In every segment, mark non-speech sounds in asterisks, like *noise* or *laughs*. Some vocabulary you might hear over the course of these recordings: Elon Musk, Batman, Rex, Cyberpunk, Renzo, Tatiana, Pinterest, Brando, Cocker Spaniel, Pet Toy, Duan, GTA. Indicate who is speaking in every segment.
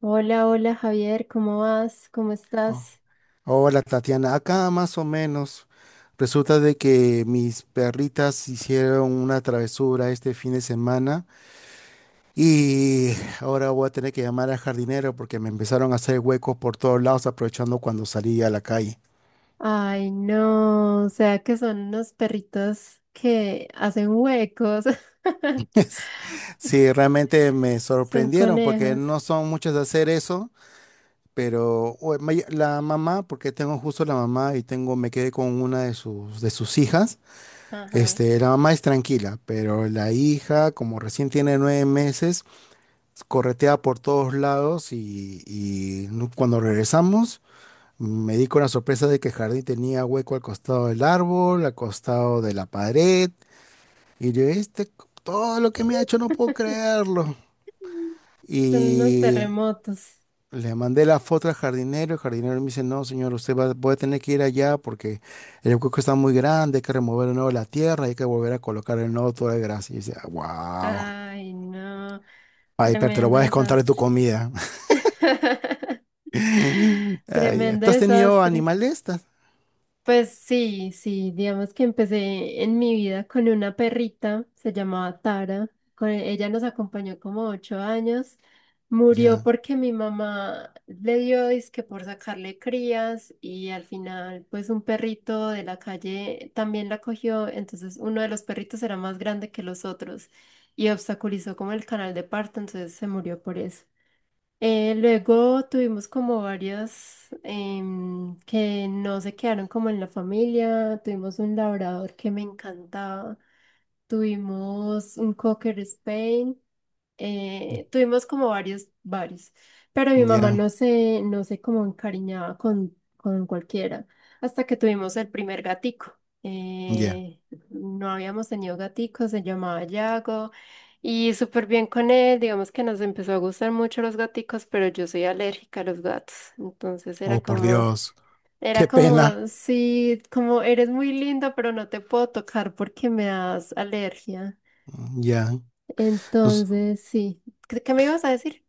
Speaker 1: Hola, hola Javier, ¿cómo vas? ¿Cómo
Speaker 2: Oh,
Speaker 1: estás?
Speaker 2: hola Tatiana, acá más o menos. Resulta de que mis perritas hicieron una travesura este fin de semana y ahora voy a tener que llamar al jardinero porque me empezaron a hacer huecos por todos lados aprovechando cuando salí a la calle.
Speaker 1: Ay, no, o sea que son unos perritos que hacen huecos,
Speaker 2: *laughs*
Speaker 1: *laughs*
Speaker 2: Es- Sí, realmente me
Speaker 1: son
Speaker 2: sorprendieron porque
Speaker 1: conejos,
Speaker 2: no son muchas de hacer eso, pero la mamá, porque tengo justo la mamá y me quedé con una de de sus hijas.
Speaker 1: ajá,
Speaker 2: La mamá es tranquila, pero la hija, como recién tiene 9 meses, corretea por todos lados y cuando regresamos me di con la sorpresa de que el jardín tenía hueco al costado del árbol, al costado de la pared, y yo, todo lo que me ha hecho no puedo
Speaker 1: *laughs*
Speaker 2: creerlo.
Speaker 1: son unos
Speaker 2: Y
Speaker 1: terremotos.
Speaker 2: Le mandé la foto al jardinero, el jardinero me dice, no, señor, voy a tener que ir allá porque el hueco está muy grande, hay que remover de nuevo la tierra, hay que volver a colocar el nuevo toda de grasa. Y yo decía, wow,
Speaker 1: Ay, no,
Speaker 2: ay, pero te lo
Speaker 1: tremendo
Speaker 2: voy a descontar de tu
Speaker 1: desastre,
Speaker 2: comida.
Speaker 1: *laughs*
Speaker 2: *laughs* Ay, ya.
Speaker 1: tremendo
Speaker 2: ¿Tú has tenido
Speaker 1: desastre.
Speaker 2: animales?
Speaker 1: Pues sí, sí, digamos que empecé en mi vida con una perrita, se llamaba Tara, ella nos acompañó como 8 años, murió
Speaker 2: Ya,
Speaker 1: porque mi mamá le dio disque por sacarle crías y al final pues un perrito de la calle también la cogió, entonces uno de los perritos era más grande que los otros y obstaculizó como el canal de parto, entonces se murió por eso. Luego tuvimos como varias que no se quedaron como en la familia. Tuvimos un labrador que me encantaba. Tuvimos un Cocker Spain. Tuvimos como varios, pero mi mamá
Speaker 2: ya,
Speaker 1: no se como encariñaba con cualquiera, hasta que tuvimos el primer gatico.
Speaker 2: ya.
Speaker 1: Eh, no habíamos tenido gatico, se llamaba Yago, y súper bien con él, digamos que nos empezó a gustar mucho los gaticos, pero yo soy alérgica a los gatos, entonces
Speaker 2: Oh, por Dios,
Speaker 1: era
Speaker 2: qué pena.
Speaker 1: como, sí, como eres muy linda, pero no te puedo tocar porque me das alergia.
Speaker 2: Ya. Nos-
Speaker 1: Entonces, sí. ¿¿Qué me ibas a decir?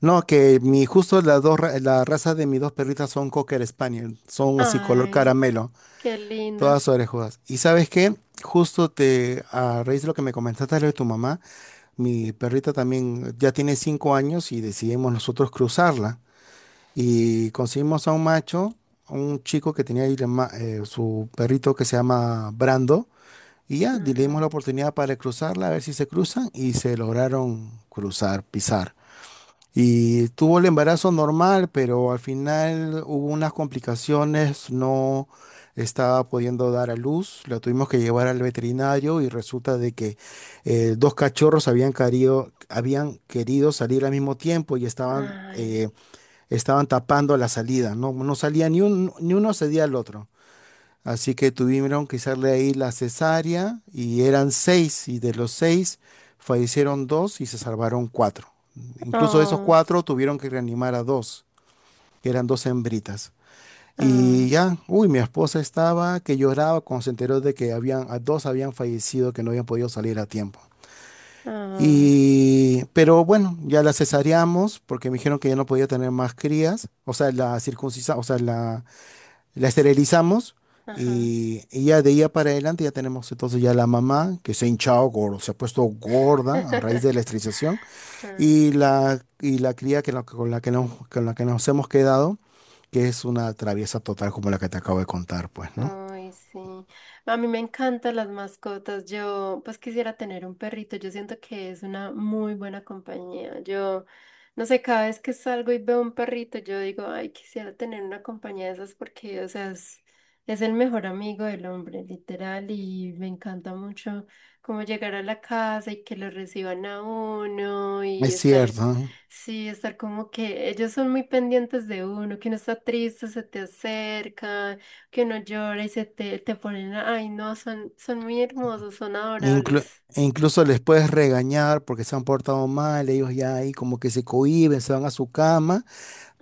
Speaker 2: No, que justo las dos, la raza de mis dos perritas son Cocker Spaniel, son así color
Speaker 1: Ay,
Speaker 2: caramelo.
Speaker 1: qué
Speaker 2: Todas
Speaker 1: lindas.
Speaker 2: orejudas. ¿Y sabes qué? A raíz de lo que me comentaste de tu mamá, mi perrita también ya tiene 5 años y decidimos nosotros cruzarla. Y conseguimos a un macho, a un chico que tenía ahí su perrito que se llama Brando. Y ya le dimos
Speaker 1: Ajá.
Speaker 2: la oportunidad para cruzarla, a ver si se cruzan. Y se lograron cruzar, pisar. Y tuvo el embarazo normal, pero al final hubo unas complicaciones, no estaba pudiendo dar a luz, la tuvimos que llevar al veterinario y resulta de que dos cachorros habían querido salir al mismo tiempo y
Speaker 1: Ay.
Speaker 2: estaban tapando la salida, no, no salía ni uno cedía al otro. Así que tuvieron que hacerle ahí la cesárea y eran seis y de los seis fallecieron dos y se salvaron cuatro. Incluso de esos
Speaker 1: Oh,
Speaker 2: cuatro tuvieron que reanimar a dos, que eran dos hembritas. Y
Speaker 1: ah,
Speaker 2: ya, uy, mi esposa estaba que lloraba cuando se enteró de que a dos habían fallecido, que no habían podido salir a tiempo.
Speaker 1: ah,
Speaker 2: Y, pero bueno, ya la cesareamos porque me dijeron que ya no podía tener más crías, o sea, la circuncisión, la esterilizamos
Speaker 1: ajá.
Speaker 2: y ya de ella para adelante ya tenemos entonces ya la mamá que se ha hinchado, gordo, se ha puesto gorda a raíz de la
Speaker 1: *laughs*
Speaker 2: esterilización y y la cría que con la que con la que nos hemos quedado, que es una traviesa total como la que te acabo de contar, pues, ¿no?
Speaker 1: Ay, sí. A mí me encantan las mascotas. Yo, pues quisiera tener un perrito. Yo siento que es una muy buena compañía. Yo, no sé, cada vez que salgo y veo un perrito, yo digo, ay, quisiera tener una compañía de esas porque, o sea, es el mejor amigo del hombre, literal. Y me encanta mucho como llegar a la casa y que lo reciban a uno y
Speaker 2: Es
Speaker 1: estar.
Speaker 2: cierto, ¿no?
Speaker 1: Sí, estar como que ellos son muy pendientes de uno, que uno está triste, se te acercan que no llores, te ponen, ay no, son muy hermosos, son
Speaker 2: Inclu-
Speaker 1: adorables.
Speaker 2: e incluso les puedes regañar porque se han portado mal, ellos ya ahí como que se cohíben, se van a su cama.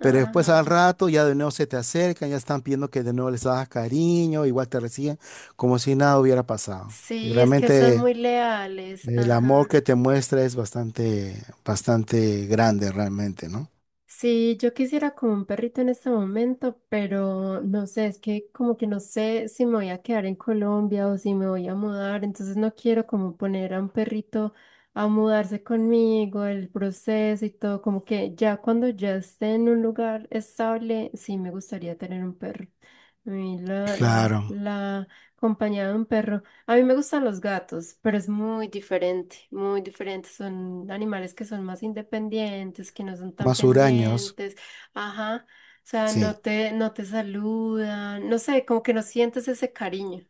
Speaker 2: Pero después al rato ya de nuevo se te acercan, ya están pidiendo que de nuevo les hagas cariño, igual te reciben, como si nada hubiera pasado. Y
Speaker 1: Sí, es que
Speaker 2: realmente
Speaker 1: son muy leales.
Speaker 2: el amor que
Speaker 1: Ajá.
Speaker 2: te muestra es bastante, bastante grande realmente, ¿no?
Speaker 1: Sí, yo quisiera como un perrito en este momento, pero no sé, es que como que no sé si me voy a quedar en Colombia o si me voy a mudar, entonces no quiero como poner a un perrito a mudarse conmigo, el proceso y todo, como que ya cuando ya esté en un lugar estable, sí me gustaría tener un perro. A mí la,
Speaker 2: Claro,
Speaker 1: la compañía de un perro. A mí me gustan los gatos, pero es muy diferente, muy diferente. Son animales que son más independientes, que no son tan
Speaker 2: más huraños,
Speaker 1: pendientes. Ajá. O sea,
Speaker 2: sí,
Speaker 1: no te saludan. No sé, como que no sientes ese cariño.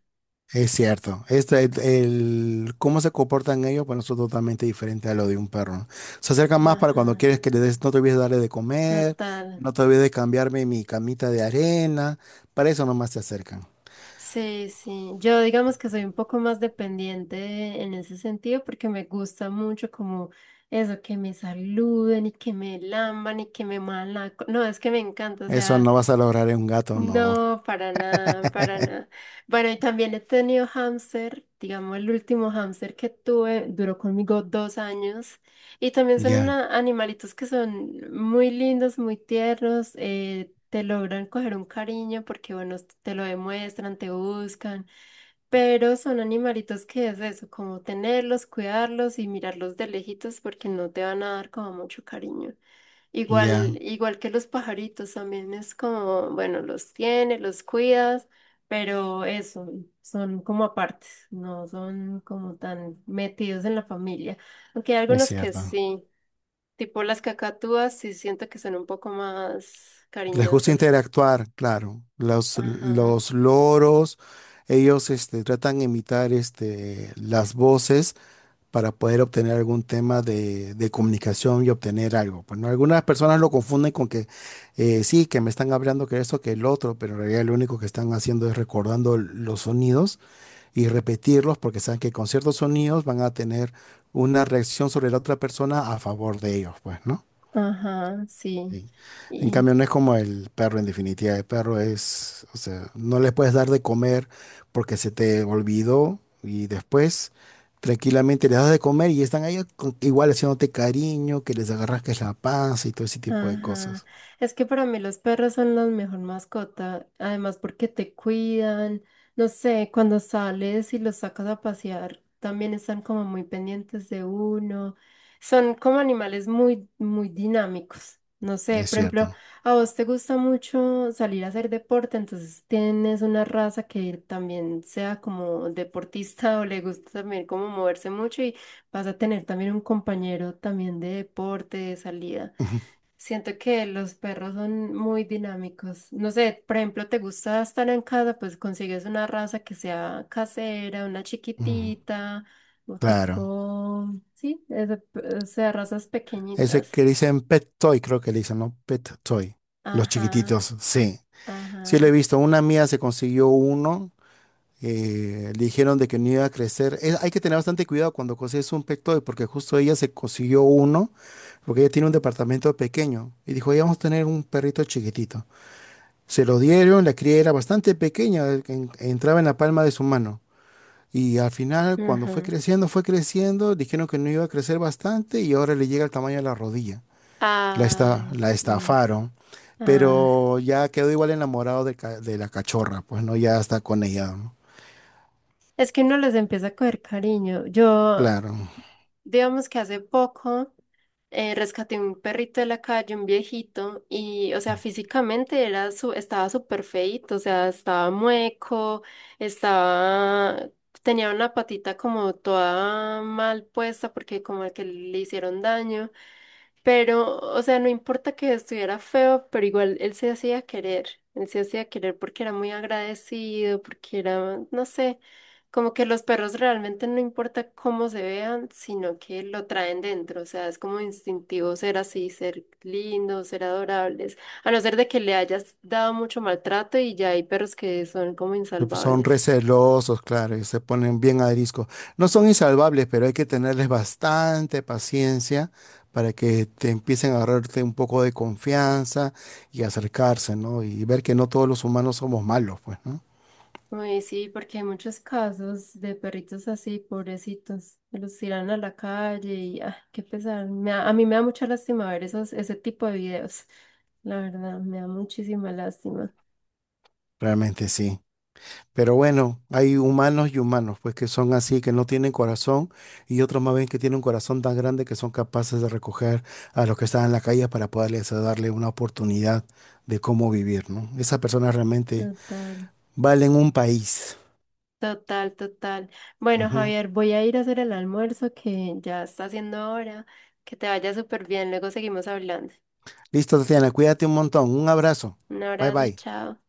Speaker 2: es cierto. Este, cómo se comportan ellos, bueno, eso es totalmente diferente a lo de un perro, ¿no? Se acercan más para cuando
Speaker 1: Ajá.
Speaker 2: quieres que le des, no te olvides de darle de comer,
Speaker 1: Total.
Speaker 2: no te olvides de cambiarme mi camita de arena, para eso nomás se acercan.
Speaker 1: Sí, sí. Yo digamos que soy un poco más dependiente en ese sentido porque me gusta mucho como eso, que me saluden y que me lamban y que me muevan la... No, es que me encanta. O
Speaker 2: Eso
Speaker 1: sea...
Speaker 2: no vas a lograr en un gato, no.
Speaker 1: No, para nada, para nada.
Speaker 2: *laughs*
Speaker 1: Bueno, y también he tenido hámster, digamos, el último hámster que tuve duró conmigo 2 años. Y también son
Speaker 2: Ya,
Speaker 1: animalitos que son muy lindos, muy tiernos, te logran coger un cariño porque, bueno, te lo demuestran, te buscan. Pero son animalitos que es eso, como tenerlos, cuidarlos y mirarlos de lejitos porque no te van a dar como mucho cariño.
Speaker 2: ya,
Speaker 1: Igual, igual que los pajaritos también es como, bueno, los tienes, los cuidas, pero eso, son como apartes, no son como tan metidos en la familia. Aunque hay
Speaker 2: es
Speaker 1: algunos que
Speaker 2: cierto.
Speaker 1: sí, tipo las cacatúas, sí siento que son un poco más
Speaker 2: Les gusta
Speaker 1: cariñosas.
Speaker 2: interactuar, claro.
Speaker 1: Ajá,
Speaker 2: Los loros, ellos tratan de imitar las voces para poder obtener algún tema de comunicación y obtener algo. Bueno, algunas personas lo confunden con que sí, que me están hablando que esto, que el otro, pero en realidad lo único que están haciendo es recordando los sonidos y repetirlos porque saben que con ciertos sonidos van a tener una reacción sobre la otra persona a favor de ellos, pues, ¿no?
Speaker 1: ajá, sí.
Speaker 2: Sí. En cambio, no es como el perro en definitiva. El perro es, o sea, no le puedes dar de comer porque se te olvidó y después tranquilamente les das de comer y están ahí igual haciéndote cariño, que les agarras que es la panza y todo ese tipo de
Speaker 1: Ajá.
Speaker 2: cosas.
Speaker 1: Es que para mí los perros son la mejor mascota, además porque te cuidan, no sé, cuando sales y los sacas a pasear, también están como muy pendientes de uno. Son como animales muy dinámicos. No sé,
Speaker 2: Es
Speaker 1: por ejemplo,
Speaker 2: cierto.
Speaker 1: a vos te gusta mucho salir a hacer deporte, entonces tienes una raza que también sea como deportista *laughs* o le gusta también como moverse mucho y vas a tener también un compañero también de deporte, de salida.
Speaker 2: *laughs*
Speaker 1: Siento que los perros son muy dinámicos. No sé, por ejemplo, te gusta estar en casa, pues consigues una raza que sea casera, una
Speaker 2: Ujú.
Speaker 1: chiquitita, o
Speaker 2: Claro.
Speaker 1: tipo, sí, o sea, razas
Speaker 2: Ese
Speaker 1: pequeñitas.
Speaker 2: que le dicen Pet Toy, creo que le dicen, ¿no? Pet Toy. Los
Speaker 1: Ajá,
Speaker 2: chiquititos, sí. Sí lo he
Speaker 1: ajá,
Speaker 2: visto. Una mía se consiguió uno. Eh, le dijeron de que no iba a crecer. Hay que tener bastante cuidado cuando consigues un Pet Toy, porque justo ella se consiguió uno, porque ella tiene un departamento pequeño. Y dijo, ya vamos a tener un perrito chiquitito. Se lo dieron, la cría era bastante pequeña, entraba en la palma de su mano. Y al final, cuando
Speaker 1: ajá.
Speaker 2: fue creciendo, dijeron que no iba a crecer bastante y ahora le llega al tamaño de la rodilla.
Speaker 1: Ay,
Speaker 2: La
Speaker 1: sí.
Speaker 2: estafaron,
Speaker 1: Ah.
Speaker 2: pero ya quedó igual enamorado de, de la cachorra, pues no, ya está con ella, ¿no?
Speaker 1: Es que uno les empieza a coger cariño. Yo
Speaker 2: Claro.
Speaker 1: digamos que hace poco rescaté un perrito de la calle, un viejito, y, o sea, físicamente estaba súper feíto, o sea, estaba mueco, estaba, tenía una patita como toda mal puesta porque como que le hicieron daño. Pero, o sea, no importa que estuviera feo, pero igual él se hacía querer porque era muy agradecido, porque era, no sé, como que los perros realmente no importa cómo se vean, sino que lo traen dentro, o sea, es como instintivo ser así, ser lindos, ser adorables, a no ser de que le hayas dado mucho maltrato y ya hay perros que son como
Speaker 2: Pero, pues, son
Speaker 1: insalvables.
Speaker 2: recelosos, claro, y se ponen bien ariscos. No son insalvables, pero hay que tenerles bastante paciencia para que te empiecen a agarrarte un poco de confianza y acercarse, ¿no? Y ver que no todos los humanos somos malos, pues, ¿no?
Speaker 1: Uy, sí, porque hay muchos casos de perritos así, pobrecitos, que los tiran a la calle y ah, qué pesar. A mí me da mucha lástima ver esos, ese tipo de videos. La verdad, me da muchísima lástima.
Speaker 2: Realmente sí. Pero bueno, hay humanos y humanos, pues que son así, que no tienen corazón, y otros más bien que tienen un corazón tan grande que son capaces de recoger a los que están en la calle para poderles darle una oportunidad de cómo vivir, ¿no? Esas personas realmente
Speaker 1: Total,
Speaker 2: valen un país.
Speaker 1: total. Bueno,
Speaker 2: Ujú.
Speaker 1: Javier, voy a ir a hacer el almuerzo que ya está haciendo hora. Que te vaya súper bien, luego seguimos hablando.
Speaker 2: Listo, Tatiana, cuídate un montón. Un abrazo.
Speaker 1: Un
Speaker 2: Bye
Speaker 1: abrazo,
Speaker 2: bye.
Speaker 1: chao.